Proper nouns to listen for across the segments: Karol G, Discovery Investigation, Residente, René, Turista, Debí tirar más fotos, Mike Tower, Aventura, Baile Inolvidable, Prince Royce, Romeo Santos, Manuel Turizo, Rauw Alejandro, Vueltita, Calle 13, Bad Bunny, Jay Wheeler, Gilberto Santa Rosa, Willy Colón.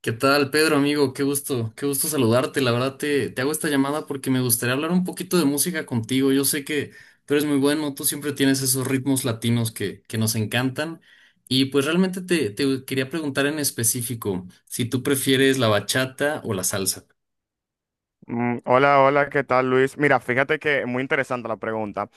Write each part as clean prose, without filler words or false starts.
¿Qué tal, Pedro, amigo? Qué gusto saludarte. La verdad te hago esta llamada porque me gustaría hablar un poquito de música contigo. Yo sé que tú eres muy bueno, tú siempre tienes esos ritmos latinos que nos encantan. Y pues realmente te quería preguntar en específico si tú prefieres la bachata o la salsa. Hola, hola, ¿qué tal, Luis? Mira, fíjate que muy interesante la pregunta.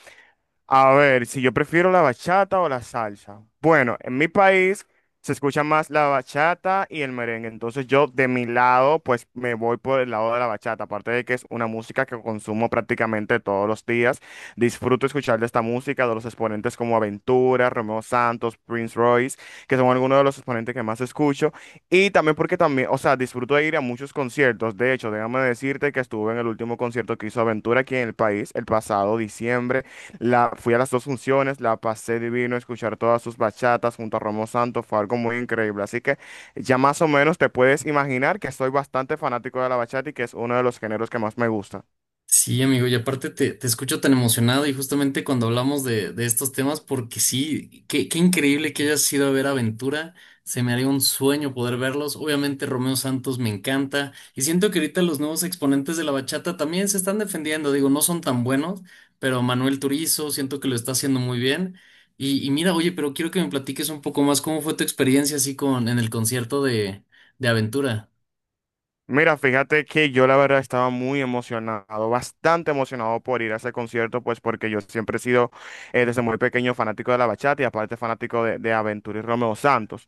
A ver, si yo prefiero la bachata o la salsa. Bueno, en mi país se escucha más la bachata y el merengue. Entonces yo de mi lado, pues me voy por el lado de la bachata. Aparte de que es una música que consumo prácticamente todos los días. Disfruto escuchar de esta música, de los exponentes como Aventura, Romeo Santos, Prince Royce, que son algunos de los exponentes que más escucho. Y también porque también, o sea, disfruto de ir a muchos conciertos. De hecho, déjame decirte que estuve en el último concierto que hizo Aventura aquí en el país el pasado diciembre. Fui a las dos funciones, la pasé divino, escuchar todas sus bachatas junto a Romo Santos fue algo muy increíble. Así que ya más o menos te puedes imaginar que soy bastante fanático de la bachata y que es uno de los géneros que más me gusta. Sí, amigo, y aparte te escucho tan emocionado y justamente cuando hablamos de estos temas, porque sí, qué increíble que hayas ido a ver Aventura, se me haría un sueño poder verlos, obviamente Romeo Santos me encanta y siento que ahorita los nuevos exponentes de la bachata también se están defendiendo, digo, no son tan buenos, pero Manuel Turizo siento que lo está haciendo muy bien y mira, oye, pero quiero que me platiques un poco más cómo fue tu experiencia así con en el concierto de Aventura. Mira, fíjate que yo la verdad estaba muy emocionado, bastante emocionado por ir a ese concierto, pues porque yo siempre he sido desde muy pequeño fanático de la bachata y aparte fanático de Aventura y Romeo Santos.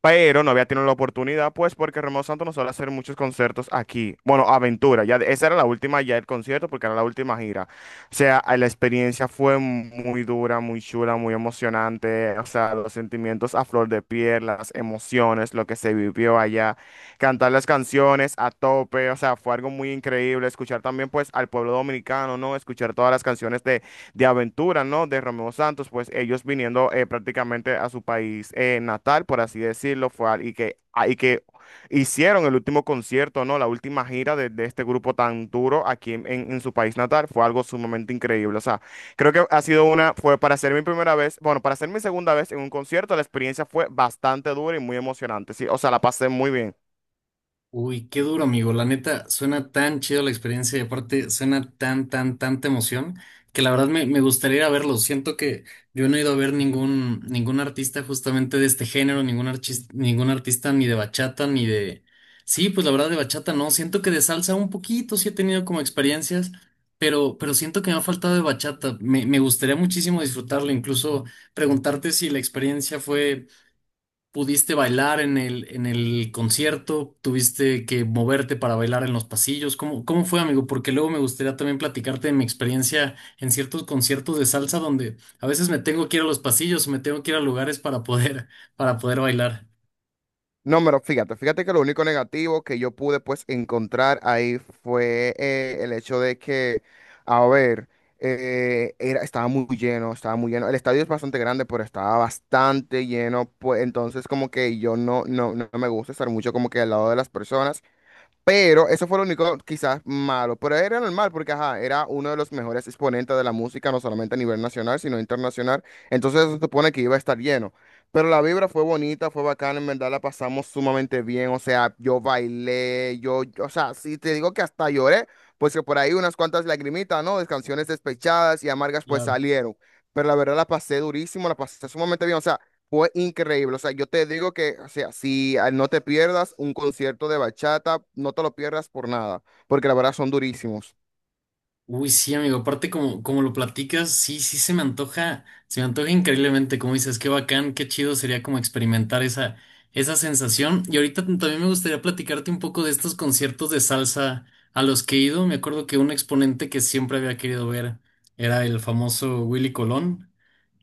Pero no había tenido la oportunidad, pues porque Romeo Santos no suele hacer muchos conciertos aquí. Bueno, Aventura, esa era la última ya el concierto porque era la última gira. O sea, la experiencia fue muy dura, muy chula, muy emocionante, o sea, los sentimientos a flor de piel, las emociones, lo que se vivió allá, cantar las canciones a tope, o sea, fue algo muy increíble escuchar también pues al pueblo dominicano, ¿no? Escuchar todas las canciones de aventuras, ¿no? De Romeo Santos, pues ellos viniendo prácticamente a su país natal, por así decirlo, fue al- y que, ah, y que hicieron el último concierto, ¿no? La última gira de este grupo tan duro aquí en su país natal, fue algo sumamente increíble, o sea, creo que ha sido fue para ser mi primera vez, bueno, para ser mi segunda vez en un concierto, la experiencia fue bastante dura y muy emocionante, sí, o sea, la pasé muy bien. Uy, qué duro, amigo. La neta, suena tan chido la experiencia y aparte suena tan, tan, tanta emoción que la verdad me gustaría ir a verlo. Siento que yo no he ido a ver ningún artista justamente de este género, ningún artista ni de bachata, ni de... Sí, pues la verdad de bachata no. Siento que de salsa un poquito sí he tenido como experiencias, pero siento que me ha faltado de bachata. Me gustaría muchísimo disfrutarlo, incluso preguntarte si la experiencia fue. ¿Pudiste bailar en el concierto? ¿Tuviste que moverte para bailar en los pasillos? ¿Cómo, cómo fue, amigo? Porque luego me gustaría también platicarte de mi experiencia en ciertos conciertos de salsa donde a veces me tengo que ir a los pasillos, me tengo que ir a lugares para poder bailar. No, pero fíjate, fíjate que lo único negativo que yo pude pues encontrar ahí fue el hecho de que, a ver, estaba muy lleno, estaba muy lleno. El estadio es bastante grande, pero estaba bastante lleno, pues entonces como que yo no me gusta estar mucho como que al lado de las personas. Pero eso fue lo único quizás malo, pero era normal porque ajá, era uno de los mejores exponentes de la música, no solamente a nivel nacional, sino internacional. Entonces se supone que iba a estar lleno. Pero la vibra fue bonita, fue bacana, en verdad la pasamos sumamente bien. O sea, yo bailé, o sea, si te digo que hasta lloré, pues que por ahí unas cuantas lagrimitas, ¿no? De canciones despechadas y amargas pues salieron. Pero la verdad la pasé durísimo, la pasé sumamente bien. O sea, fue increíble, o sea, yo te digo que, o sea, no te pierdas un concierto de bachata, no te lo pierdas por nada, porque la verdad son durísimos. Uy, sí, amigo, aparte como, como lo platicas, sí, sí se me antoja increíblemente, como dices, qué bacán, qué chido sería como experimentar esa, esa sensación. Y ahorita también me gustaría platicarte un poco de estos conciertos de salsa a los que he ido. Me acuerdo que un exponente que siempre había querido ver era el famoso Willy Colón,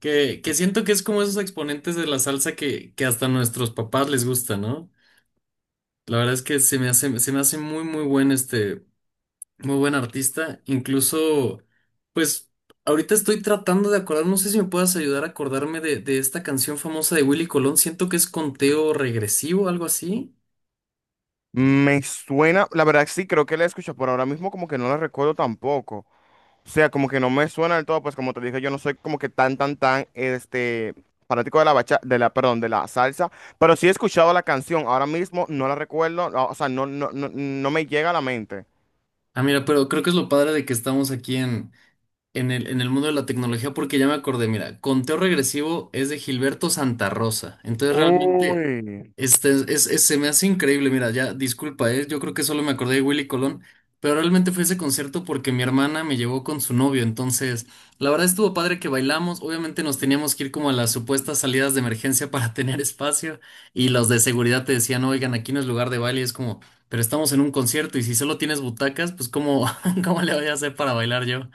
que siento que es como esos exponentes de la salsa que hasta a nuestros papás les gusta, ¿no? La verdad es que se me hace muy, muy buen este. Muy buen artista. Incluso, pues, ahorita estoy tratando de acordar, no sé si me puedas ayudar a acordarme de esta canción famosa de Willy Colón. Siento que es Conteo Regresivo, algo así. Me suena, la verdad sí, creo que la he escuchado, pero ahora mismo como que no la recuerdo tampoco. O sea, como que no me suena del todo, pues como te dije, yo no soy como que tan, tan, este, fanático de la bacha, de la, perdón, de la salsa, pero sí he escuchado la canción, ahora mismo no la recuerdo, no, o sea, no me llega a la mente. Ah, mira, pero creo que es lo padre de que estamos aquí en el mundo de la tecnología porque ya me acordé, mira, Conteo Regresivo es de Gilberto Santa Rosa, entonces realmente Uy. Se me hace increíble, mira, ya disculpa, yo creo que solo me acordé de Willy Colón, pero realmente fue ese concierto porque mi hermana me llevó con su novio, entonces la verdad estuvo padre que bailamos, obviamente nos teníamos que ir como a las supuestas salidas de emergencia para tener espacio y los de seguridad te decían, oigan, aquí no es lugar de baile, y es como... Pero estamos en un concierto y si solo tienes butacas, pues ¿cómo, cómo le voy a hacer para bailar yo?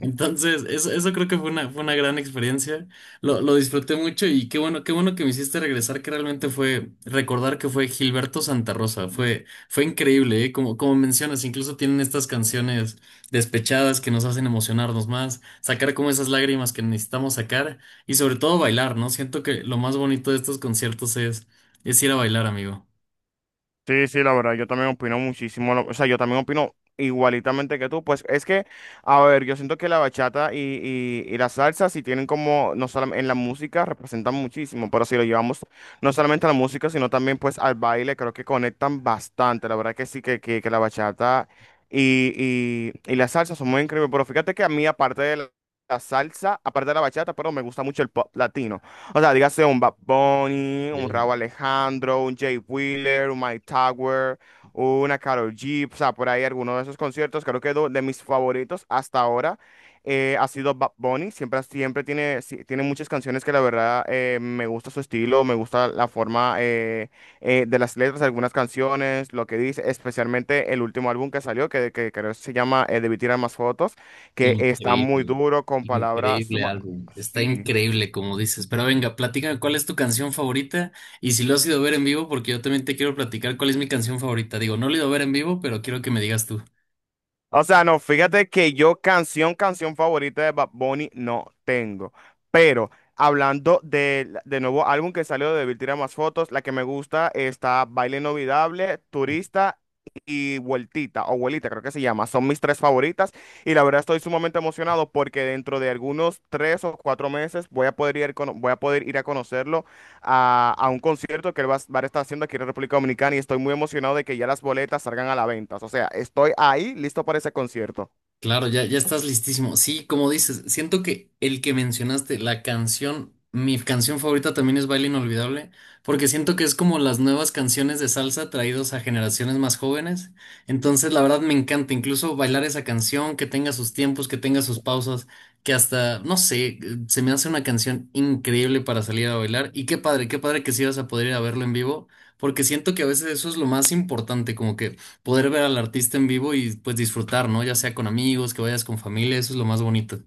Entonces, eso creo que fue una gran experiencia. Lo disfruté mucho y qué bueno que me hiciste regresar, que realmente fue recordar que fue Gilberto Santa Rosa. Fue increíble, ¿eh? Como, como mencionas, incluso tienen estas canciones despechadas que nos hacen emocionarnos más, sacar como esas lágrimas que necesitamos sacar y sobre todo bailar, ¿no? Siento que lo más bonito de estos conciertos es ir a bailar, amigo. Sí, sí, la verdad, yo también opino muchísimo, o sea, yo también opino igualitamente que tú, pues es que, a ver, yo siento que la bachata y la salsa sí tienen como, no solamente en la música, representan muchísimo, pero si lo llevamos no solamente a la música, sino también pues al baile, creo que conectan bastante, la verdad que sí, que la bachata y la salsa son muy increíbles, pero fíjate que a mí aparte de la salsa, aparte de la bachata, pero me gusta mucho el pop latino. O sea, dígase un Bad Bunny, un Rauw Alejandro, un Jay Wheeler, un Mike Tower, una Karol G, o sea, por ahí alguno de esos conciertos. Creo que de mis favoritos hasta ahora ha sido Bad Bunny. Siempre, siempre tiene, sí, tiene muchas canciones que la verdad me gusta su estilo, me gusta la forma de las letras, algunas canciones, lo que dice, especialmente el último álbum que salió, que creo que se llama Debí tirar más fotos, que está muy Increíble, duro con palabras increíble suma... álbum, está Sí. increíble como dices, pero venga, platícame cuál es tu canción favorita y si lo has ido a ver en vivo, porque yo también te quiero platicar cuál es mi canción favorita, digo, no lo he ido a ver en vivo, pero quiero que me digas tú. O sea, no, fíjate que yo canción favorita de Bad Bunny no tengo. Pero hablando del de nuevo álbum que salió de Devil Tira Más Fotos, la que me gusta está Baile Inolvidable, Turista y Vueltita, o Vuelita creo que se llama. Son mis tres favoritas y la verdad estoy sumamente emocionado porque dentro de algunos tres o cuatro meses voy a poder ir, voy a poder ir a conocerlo a un concierto que él va a estar haciendo aquí en República Dominicana y estoy muy emocionado de que ya las boletas salgan a la venta. O sea, estoy ahí listo para ese concierto. Claro, ya, ya estás listísimo. Sí, como dices, siento que el que mencionaste, la canción, mi canción favorita también es Baile Inolvidable, porque siento que es como las nuevas canciones de salsa traídos a generaciones más jóvenes. Entonces, la verdad me encanta incluso bailar esa canción, que tenga sus tiempos, que tenga sus pausas, que hasta, no sé, se me hace una canción increíble para salir a bailar. Y qué padre que sí vas a poder ir a verlo en vivo, porque siento que a veces eso es lo más importante, como que poder ver al artista en vivo y pues disfrutar, ¿no? Ya sea con amigos, que vayas con familia, eso es lo más bonito.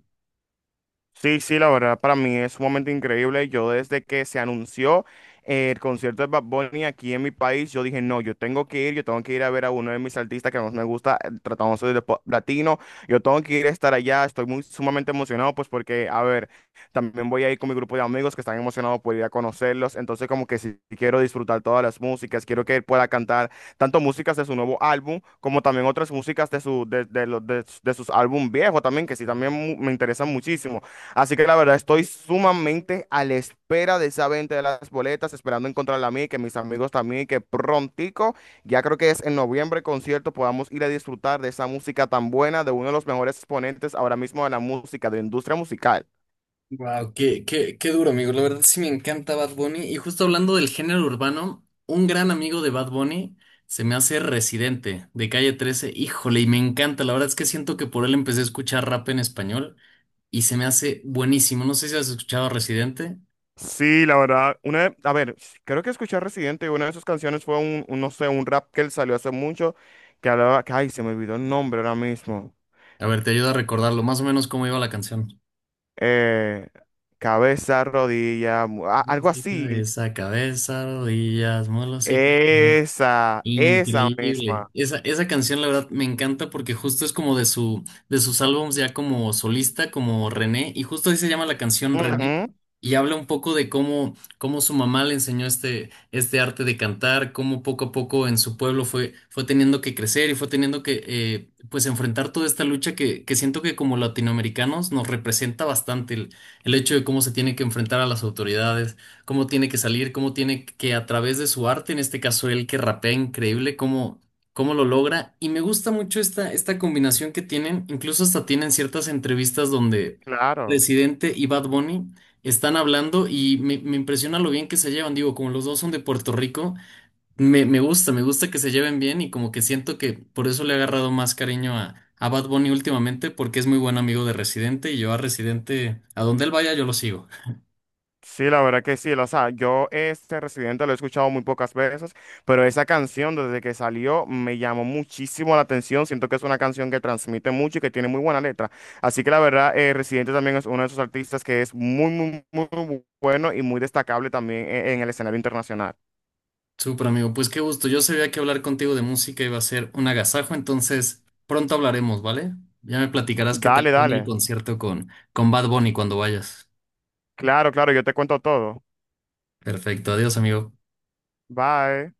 Sí, sí, la verdad para mí es sumamente increíble. Yo desde que se anunció el concierto de Bad Bunny aquí en mi país, yo dije, no, yo tengo que ir, yo tengo que ir a ver a uno de mis artistas que más me gusta, tratándose de pop latino, yo tengo que ir a estar allá, estoy muy sumamente emocionado, pues porque, a ver, también voy a ir con mi grupo de amigos que están emocionados por ir a conocerlos, entonces como que sí quiero disfrutar todas las músicas, quiero que él pueda cantar tanto músicas de su nuevo álbum como también otras músicas de, su, de, los- de sus álbum viejos también, que sí, también me interesan muchísimo. Así que la verdad estoy sumamente a la espera de esa venta de las boletas, esperando encontrarla a mí, que mis amigos también, que prontico, ya creo que es en noviembre el concierto, podamos ir a disfrutar de esa música tan buena, de uno de los mejores exponentes ahora mismo de la música, de la industria musical. Wow, qué, qué, qué duro, amigo. La verdad sí me encanta Bad Bunny. Y justo hablando del género urbano, un gran amigo de Bad Bunny se me hace Residente de Calle 13. Híjole, y me encanta. La verdad es que siento que por él empecé a escuchar rap en español y se me hace buenísimo. No sé si has escuchado a Residente. Sí, la verdad, a ver, creo que escuché a Residente y una de sus canciones fue un, no sé, un rap que él salió hace mucho, que hablaba, que, ay, se me olvidó el nombre ahora mismo. A ver, te ayuda a recordarlo, más o menos cómo iba la canción. Eh, cabeza, rodilla, algo así. Cabeza, rodillas, mulos y... Esa Increíble. misma. Esa canción, la verdad, me encanta porque justo es como de su, de sus álbums ya como solista, como René, y justo ahí se llama la canción René, Ujú, y habla un poco de cómo, cómo su mamá le enseñó este arte de cantar, cómo poco a poco en su pueblo fue teniendo que crecer y fue teniendo que pues enfrentar toda esta lucha que siento que como latinoamericanos nos representa bastante el hecho de cómo se tiene que enfrentar a las autoridades cómo tiene que salir, cómo tiene que a través de su arte, en este caso él que rapea increíble, cómo, cómo lo logra. Y me gusta mucho esta, esta combinación que tienen, incluso hasta tienen ciertas entrevistas donde claro. Residente y Bad Bunny están hablando y me impresiona lo bien que se llevan. Digo, como los dos son de Puerto Rico, me gusta, me gusta que se lleven bien y como que siento que por eso le he agarrado más cariño a... A Bad Bunny últimamente porque es muy buen amigo de Residente y yo a Residente, a donde él vaya yo lo sigo. Sí, la verdad que sí. O sea, yo este Residente lo he escuchado muy pocas veces, pero esa canción desde que salió me llamó muchísimo la atención. Siento que es una canción que transmite mucho y que tiene muy buena letra. Así que la verdad, Residente también es uno de esos artistas que es muy, muy, muy bueno y muy destacable también en el escenario internacional. Súper amigo, pues qué gusto. Yo sabía que hablar contigo de música iba a ser un agasajo, entonces pronto hablaremos, ¿vale? Ya me platicarás qué tal Dale, fue en el dale. concierto con Bad Bunny cuando vayas. Claro, claro, yo te cuento todo. Perfecto, adiós amigo. Bye.